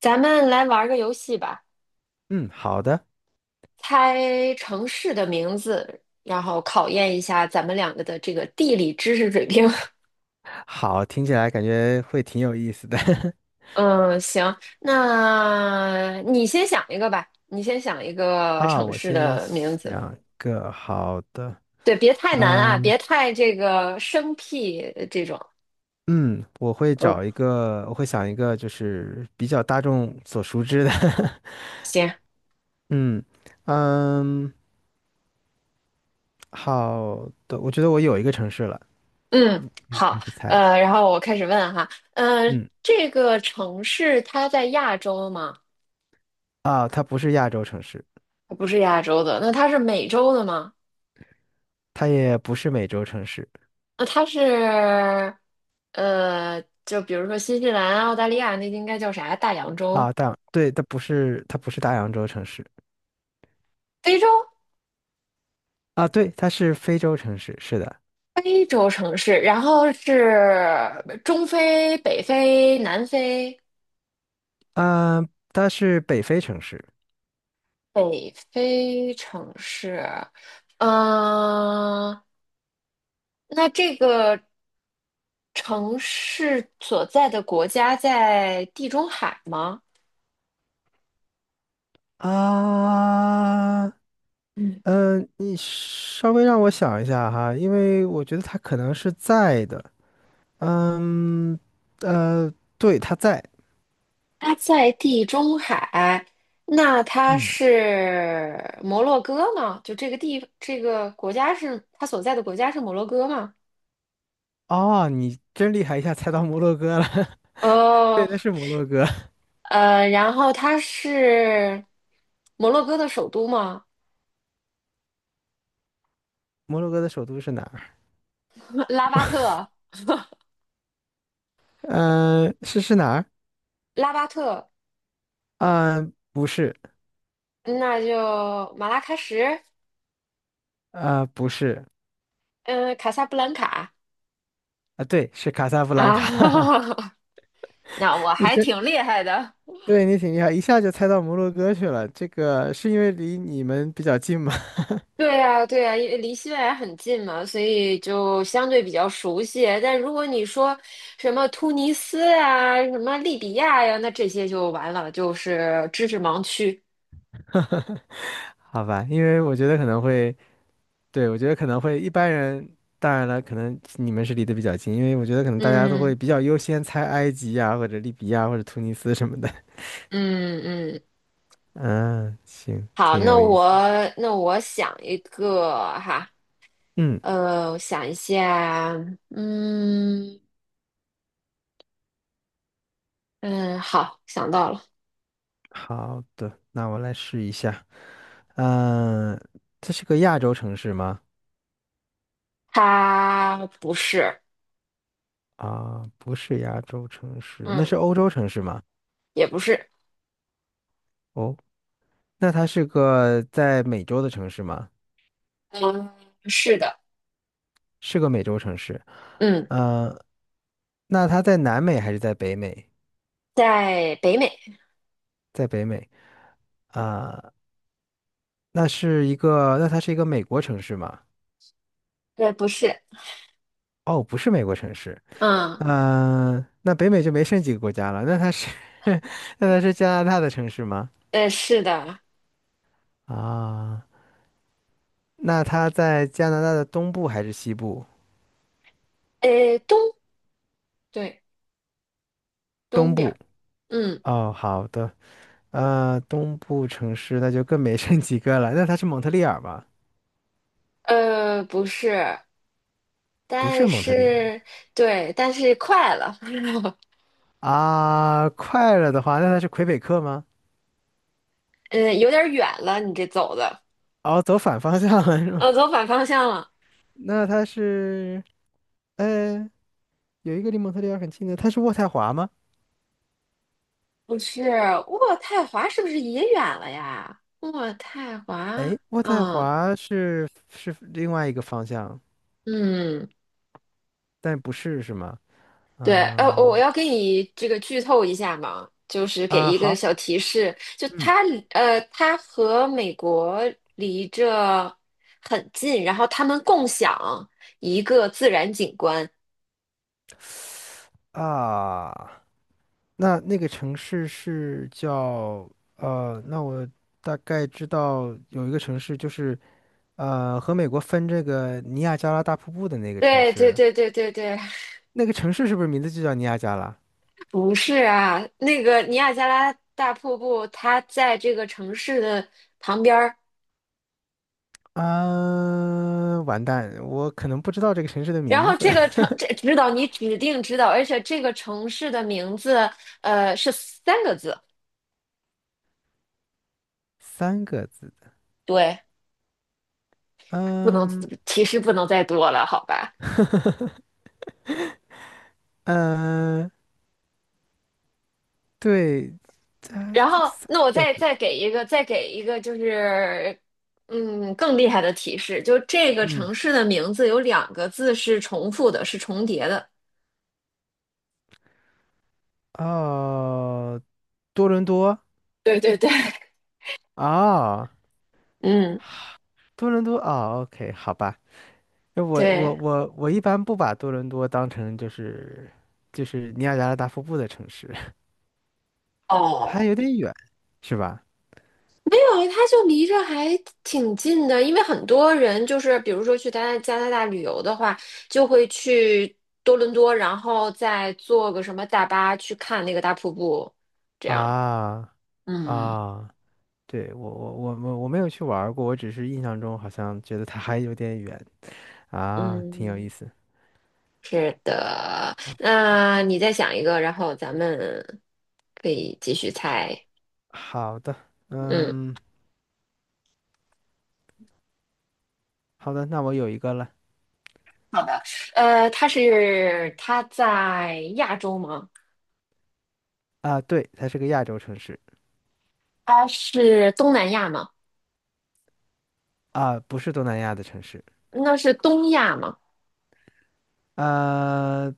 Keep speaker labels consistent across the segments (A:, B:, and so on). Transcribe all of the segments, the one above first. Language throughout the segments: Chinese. A: 咱们来玩儿个游戏吧，
B: 嗯，好的，
A: 猜城市的名字，然后考验一下咱们两个的这个地理知识水平。
B: 好，听起来感觉会挺有意思的。
A: 嗯，行，那你先想一个吧，你先想一个
B: 啊。
A: 城
B: 我
A: 市
B: 先
A: 的名字。
B: 想一个好的。
A: 对，别太难啊，
B: 嗯
A: 别太这个生僻这种。
B: 嗯，
A: 嗯，
B: 我会想一个就是比较大众所熟知的。
A: 行。
B: 嗯嗯，好的，我觉得我有一个城市了，
A: 嗯，
B: 可以开
A: 好。
B: 始猜了。
A: 然后我开始问哈。呃，
B: 嗯，
A: 这个城市它在亚洲吗？
B: 啊，它不是亚洲城市，
A: 它不是亚洲的，那它是美洲的吗？
B: 它也不是美洲城市。
A: 呃，它是就比如说新西兰、澳大利亚那应该叫啥？大洋洲、
B: 啊，但对，它不是大洋洲城市。
A: 非洲、
B: 啊，对，它是非洲城市，是的。
A: 非洲城市，然后是中非、北非、南非、
B: 啊，它是北非城市。
A: 北非城市。嗯。那这个城市所在的国家在地中海吗？
B: 啊，
A: 嗯。
B: 嗯，你稍微让我想一下哈，因为我觉得它可能是在的。嗯，呃，对，它在。
A: 它在地中海，那它
B: 嗯，
A: 是摩洛哥吗？就这个地，这个国家是它所在的国家是摩洛哥吗？
B: 哦，你真厉害，一下猜到摩洛哥了。对，
A: 哦。
B: 那是摩洛哥。
A: 然后它是摩洛哥的首都吗？
B: 摩洛哥的首都是哪儿？
A: 拉巴特，
B: 嗯，是哪儿？
A: 拉巴特，
B: 啊，不是。
A: 那就马拉喀什，
B: 啊，不是。
A: 嗯、卡萨布兰卡。
B: 啊，对，是卡萨布兰
A: 啊，
B: 卡。
A: 那我
B: 你
A: 还
B: 这
A: 挺厉害的。
B: 对你挺厉害，一下就猜到摩洛哥去了。这个是因为离你们比较近吗？
A: 对呀，对呀，因为离西班牙很近嘛，所以就相对比较熟悉。但如果你说什么突尼斯啊、什么利比亚呀，那这些就完了，就是知识盲区。
B: 好吧，因为我觉得可能会，对，我觉得可能会一般人，当然了，可能你们是离得比较近，因为我觉得可能大家都
A: 嗯
B: 会比较优先猜埃及呀，或者利比亚或者突尼斯什么的。
A: 嗯嗯。
B: 嗯，行，
A: 好，
B: 挺有意思。
A: 那我想一个哈。
B: 嗯，
A: 我想一下。嗯嗯，好，想到了。
B: 好的，那我来试一下。嗯，这是个亚洲城市吗？
A: 它不是。
B: 啊，不是亚洲城市，那
A: 嗯，
B: 是欧洲城市吗？
A: 也不是。
B: 哦。那它是个在美洲的城市吗？
A: 嗯，是的。
B: 是个美洲城市。
A: 嗯，
B: 呃，那它在南美还是在北美？
A: 在北美。
B: 在北美。啊，那它是一个美国城市吗？
A: 对，不是。
B: 哦，不是美国城市。
A: 嗯。
B: 嗯，那北美就没剩几个国家了。那它是，那它是加拿大的城市吗？
A: 是的。
B: 啊，那它在加拿大的东部还是西部？
A: 呃，东，对，东
B: 东
A: 边儿。
B: 部。
A: 嗯。
B: 哦，好的。东部城市那就更没剩几个了。那它是蒙特利尔吧？
A: 不是，
B: 不是
A: 但
B: 蒙特利尔。
A: 是，对，但是快了，
B: 啊，快了的话，那它是魁北克吗？
A: 嗯，有点远了，你这走的。
B: 哦，走反方向了是吗？
A: 走反方向了。
B: 那它是，呃，有一个离蒙特利尔很近的，它是渥太华吗？
A: 不是，渥太华是不是也远了呀？渥太华。
B: 哎，渥太
A: 嗯
B: 华是是另外一个方向，
A: 嗯。
B: 但不是是吗？
A: 对。我
B: 嗯，
A: 要给你这个剧透一下嘛，就是给
B: 啊，
A: 一个
B: 好，
A: 小提示，
B: 嗯，
A: 它和美国离着很近，然后他们共享一个自然景观。
B: 啊，那那个城市是叫呃，那我大概知道有一个城市就是和美国分这个尼亚加拉大瀑布的那个城
A: 对对
B: 市。
A: 对对对对，
B: 那个城市是不是名字就叫尼亚加拉？
A: 不是啊，那个尼亚加拉大瀑布，它在这个城市的旁边儿。
B: 啊，完蛋，我可能不知道这个城市的
A: 然
B: 名
A: 后
B: 字。
A: 这个 城，这指导你指定知道，而且这个城市的名字，是三个字。
B: 三个字。
A: 对。不能，
B: 嗯
A: 提示不能再多了，好吧？
B: 嗯，对，
A: 然
B: 这个
A: 后，
B: 三
A: 那我
B: 个
A: 再
B: 字。
A: 再给一个，再给一个，就是嗯，更厉害的提示，就这个
B: 嗯，
A: 城市的名字有两个字是重复的，是重叠的。
B: 哦，多伦多。
A: 对对对，
B: 哦，
A: 嗯，
B: 多伦多哦，OK，好吧。那我我
A: 对。
B: 我我一般不把多伦多当成就是尼亚加拉大瀑布的城市。它
A: 哦，
B: 有点远，是吧？
A: 没有，它就离着还挺近的，因为很多人就是，比如说去加拿大旅游的话，就会去多伦多，然后再坐个什么大巴去看那个大瀑布，这
B: 啊，
A: 样。
B: 啊。
A: 嗯。
B: 哦，对，我没有去玩儿过，我只是印象中好像觉得它还有点远。啊，挺有
A: 嗯，
B: 意思。
A: 是的。
B: 好，
A: 那你再想一个，然后咱们可以继续
B: 好
A: 猜。
B: 好的。
A: 嗯，
B: 嗯，好的，那我有一个了。
A: 好的。它在亚洲吗？
B: 啊，对，它是个亚洲城市。
A: 它是东南亚吗？
B: 啊，不是东南亚的城市。
A: 那是东亚吗？
B: 啊，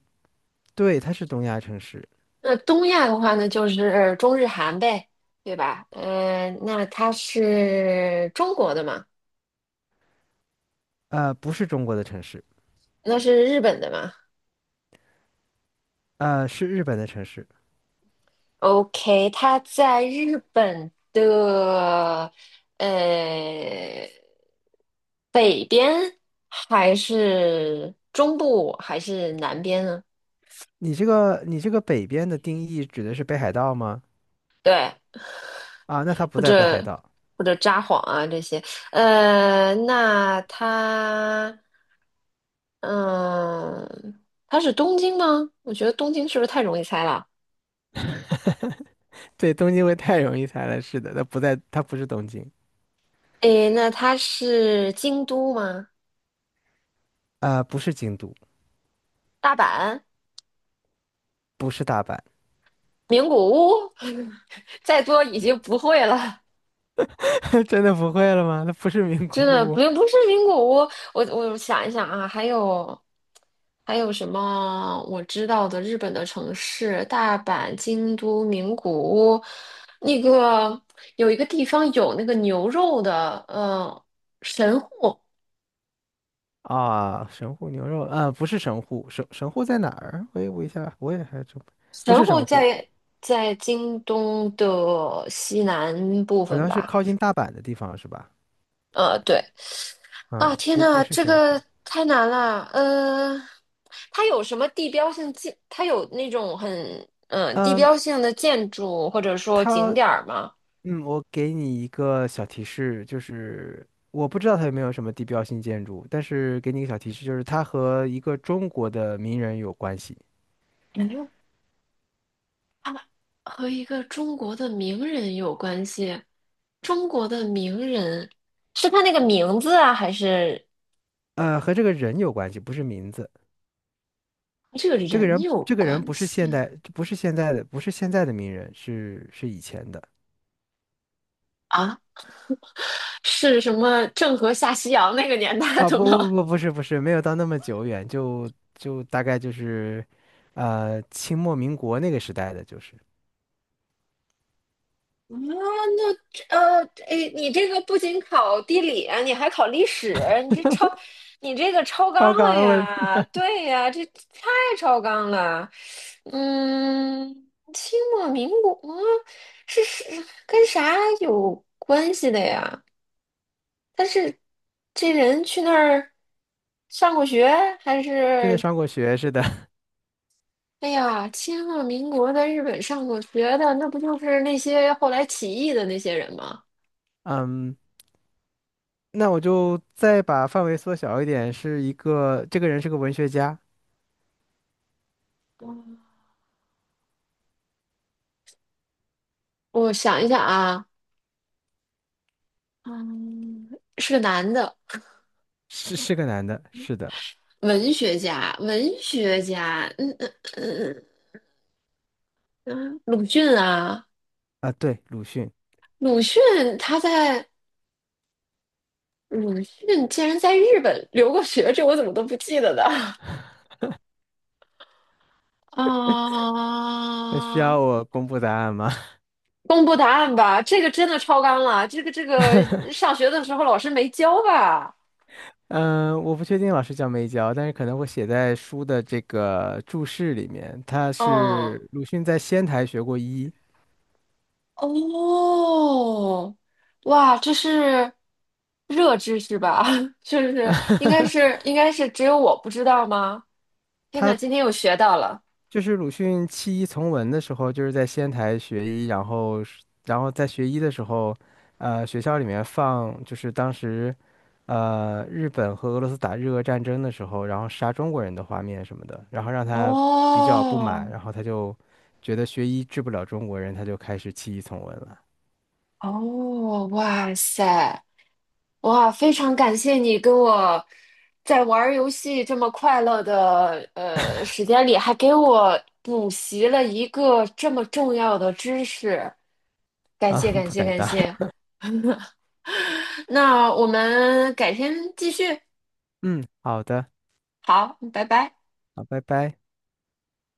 B: 对，它是东亚城市。
A: 那东亚的话呢，就是中日韩呗，对吧？那它是中国的吗？
B: 啊，不是中国的城市。
A: 那是日本的吗？
B: 啊，是日本的城市。
A: OK，他在日本的呃北边，还是中部，还是南边呢？
B: 你这个北边的定义指的是北海道吗？
A: 对，
B: 啊，那它不
A: 或
B: 在北海
A: 者
B: 道。
A: 或者札幌啊这些。呃，那他嗯，他是东京吗？我觉得东京是不是太容易猜了？
B: 对，东京会太容易猜了，是的，它不是东京。
A: 诶，那他是京都吗？
B: 啊，不是京都。
A: 大阪、
B: 不是大阪。
A: 名古屋，再多已经不会了。
B: 真的不会了吗？那不是名古
A: 真的
B: 屋。
A: 不是名古屋。我想一想啊，还有什么我知道的日本的城市？大阪、京都、名古屋，那个有一个地方有那个牛肉的，神户。
B: 啊，神户牛肉啊，不是神户。神户在哪儿？我一下我也还真不
A: 神
B: 是
A: 户
B: 神户。
A: 在在京东的西南部
B: 好
A: 分
B: 像是
A: 吧。
B: 靠近大阪的地方是吧？
A: 呃，对，啊，
B: 嗯，
A: 天
B: 不不
A: 呐，
B: 是
A: 这
B: 神
A: 个
B: 户。
A: 太难了。呃，它有什么地标性建？它有那种很地
B: 嗯，
A: 标性的建筑或者说景
B: 它
A: 点儿吗？
B: 我给你一个小提示，就是我不知道它有没有什么地标性建筑，但是给你一个小提示，就是它和一个中国的名人有关系。
A: 感觉和一个中国的名人有关系。中国的名人是他那个名字啊，还是
B: 和这个人有关系，不是名字。
A: 和这个人有
B: 这个人
A: 关
B: 不是
A: 系
B: 现代，不是现在的名人，是以前的。
A: 啊？是什么郑和下西洋那个年代
B: 啊！
A: 的
B: 不不
A: 吗？
B: 不，不是不是，没有到那么久远，就大概就是。清末民国那个时代的，就是
A: 啊，哎，你这个不仅考地理啊你还考历史，你这个超纲
B: 超
A: 了
B: 纲了，
A: 呀？对呀，这太超纲了。嗯，清末民国啊是是跟啥有关系的呀？但是这人去那儿上过学，还
B: 真的
A: 是
B: 上过学似的。
A: 哎呀，清末民国在日本上过学的，那不就是那些后来起义的那些人吗？
B: 嗯，那我就再把范围缩小一点，是一个，这个人是个文学家，
A: 我想一想啊。嗯，是个男的，
B: 是个男的，是的。
A: 文学家，文学家，嗯鲁迅啊，
B: 啊，对，鲁迅。
A: 鲁迅他在鲁迅竟然在日本留过学，这我怎么都不记得的
B: 那需
A: 啊！
B: 要我公布答案吗？
A: 公布答案吧，这个真的超纲了，这个上学的时候老师没教吧？
B: 嗯，我不确定老师教没教，但是可能会写在书的这个注释里面。他
A: 嗯。
B: 是鲁迅在仙台学过医。
A: 哦，哇，这是热知识吧？是不是？应该是只有我不知道吗？天呐，今
B: 他
A: 天又学到了。
B: 就是鲁迅弃医从文的时候，就是在仙台学医，然后在学医的时候，学校里面放就是当时，日本和俄罗斯打日俄战争的时候，然后杀中国人的画面什么的，然后让他比较不
A: 哦
B: 满，然后他就觉得学医治不了中国人，他就开始弃医从文了。
A: 哦，哇塞，哇，非常感谢你跟我在玩儿游戏这么快乐的时间里，还给我补习了一个这么重要的知识，感
B: 啊，
A: 谢 感
B: 不
A: 谢
B: 敢
A: 感
B: 当。
A: 谢。那我们改天继续，
B: 嗯，好的，
A: 好，拜拜。
B: 好，拜拜。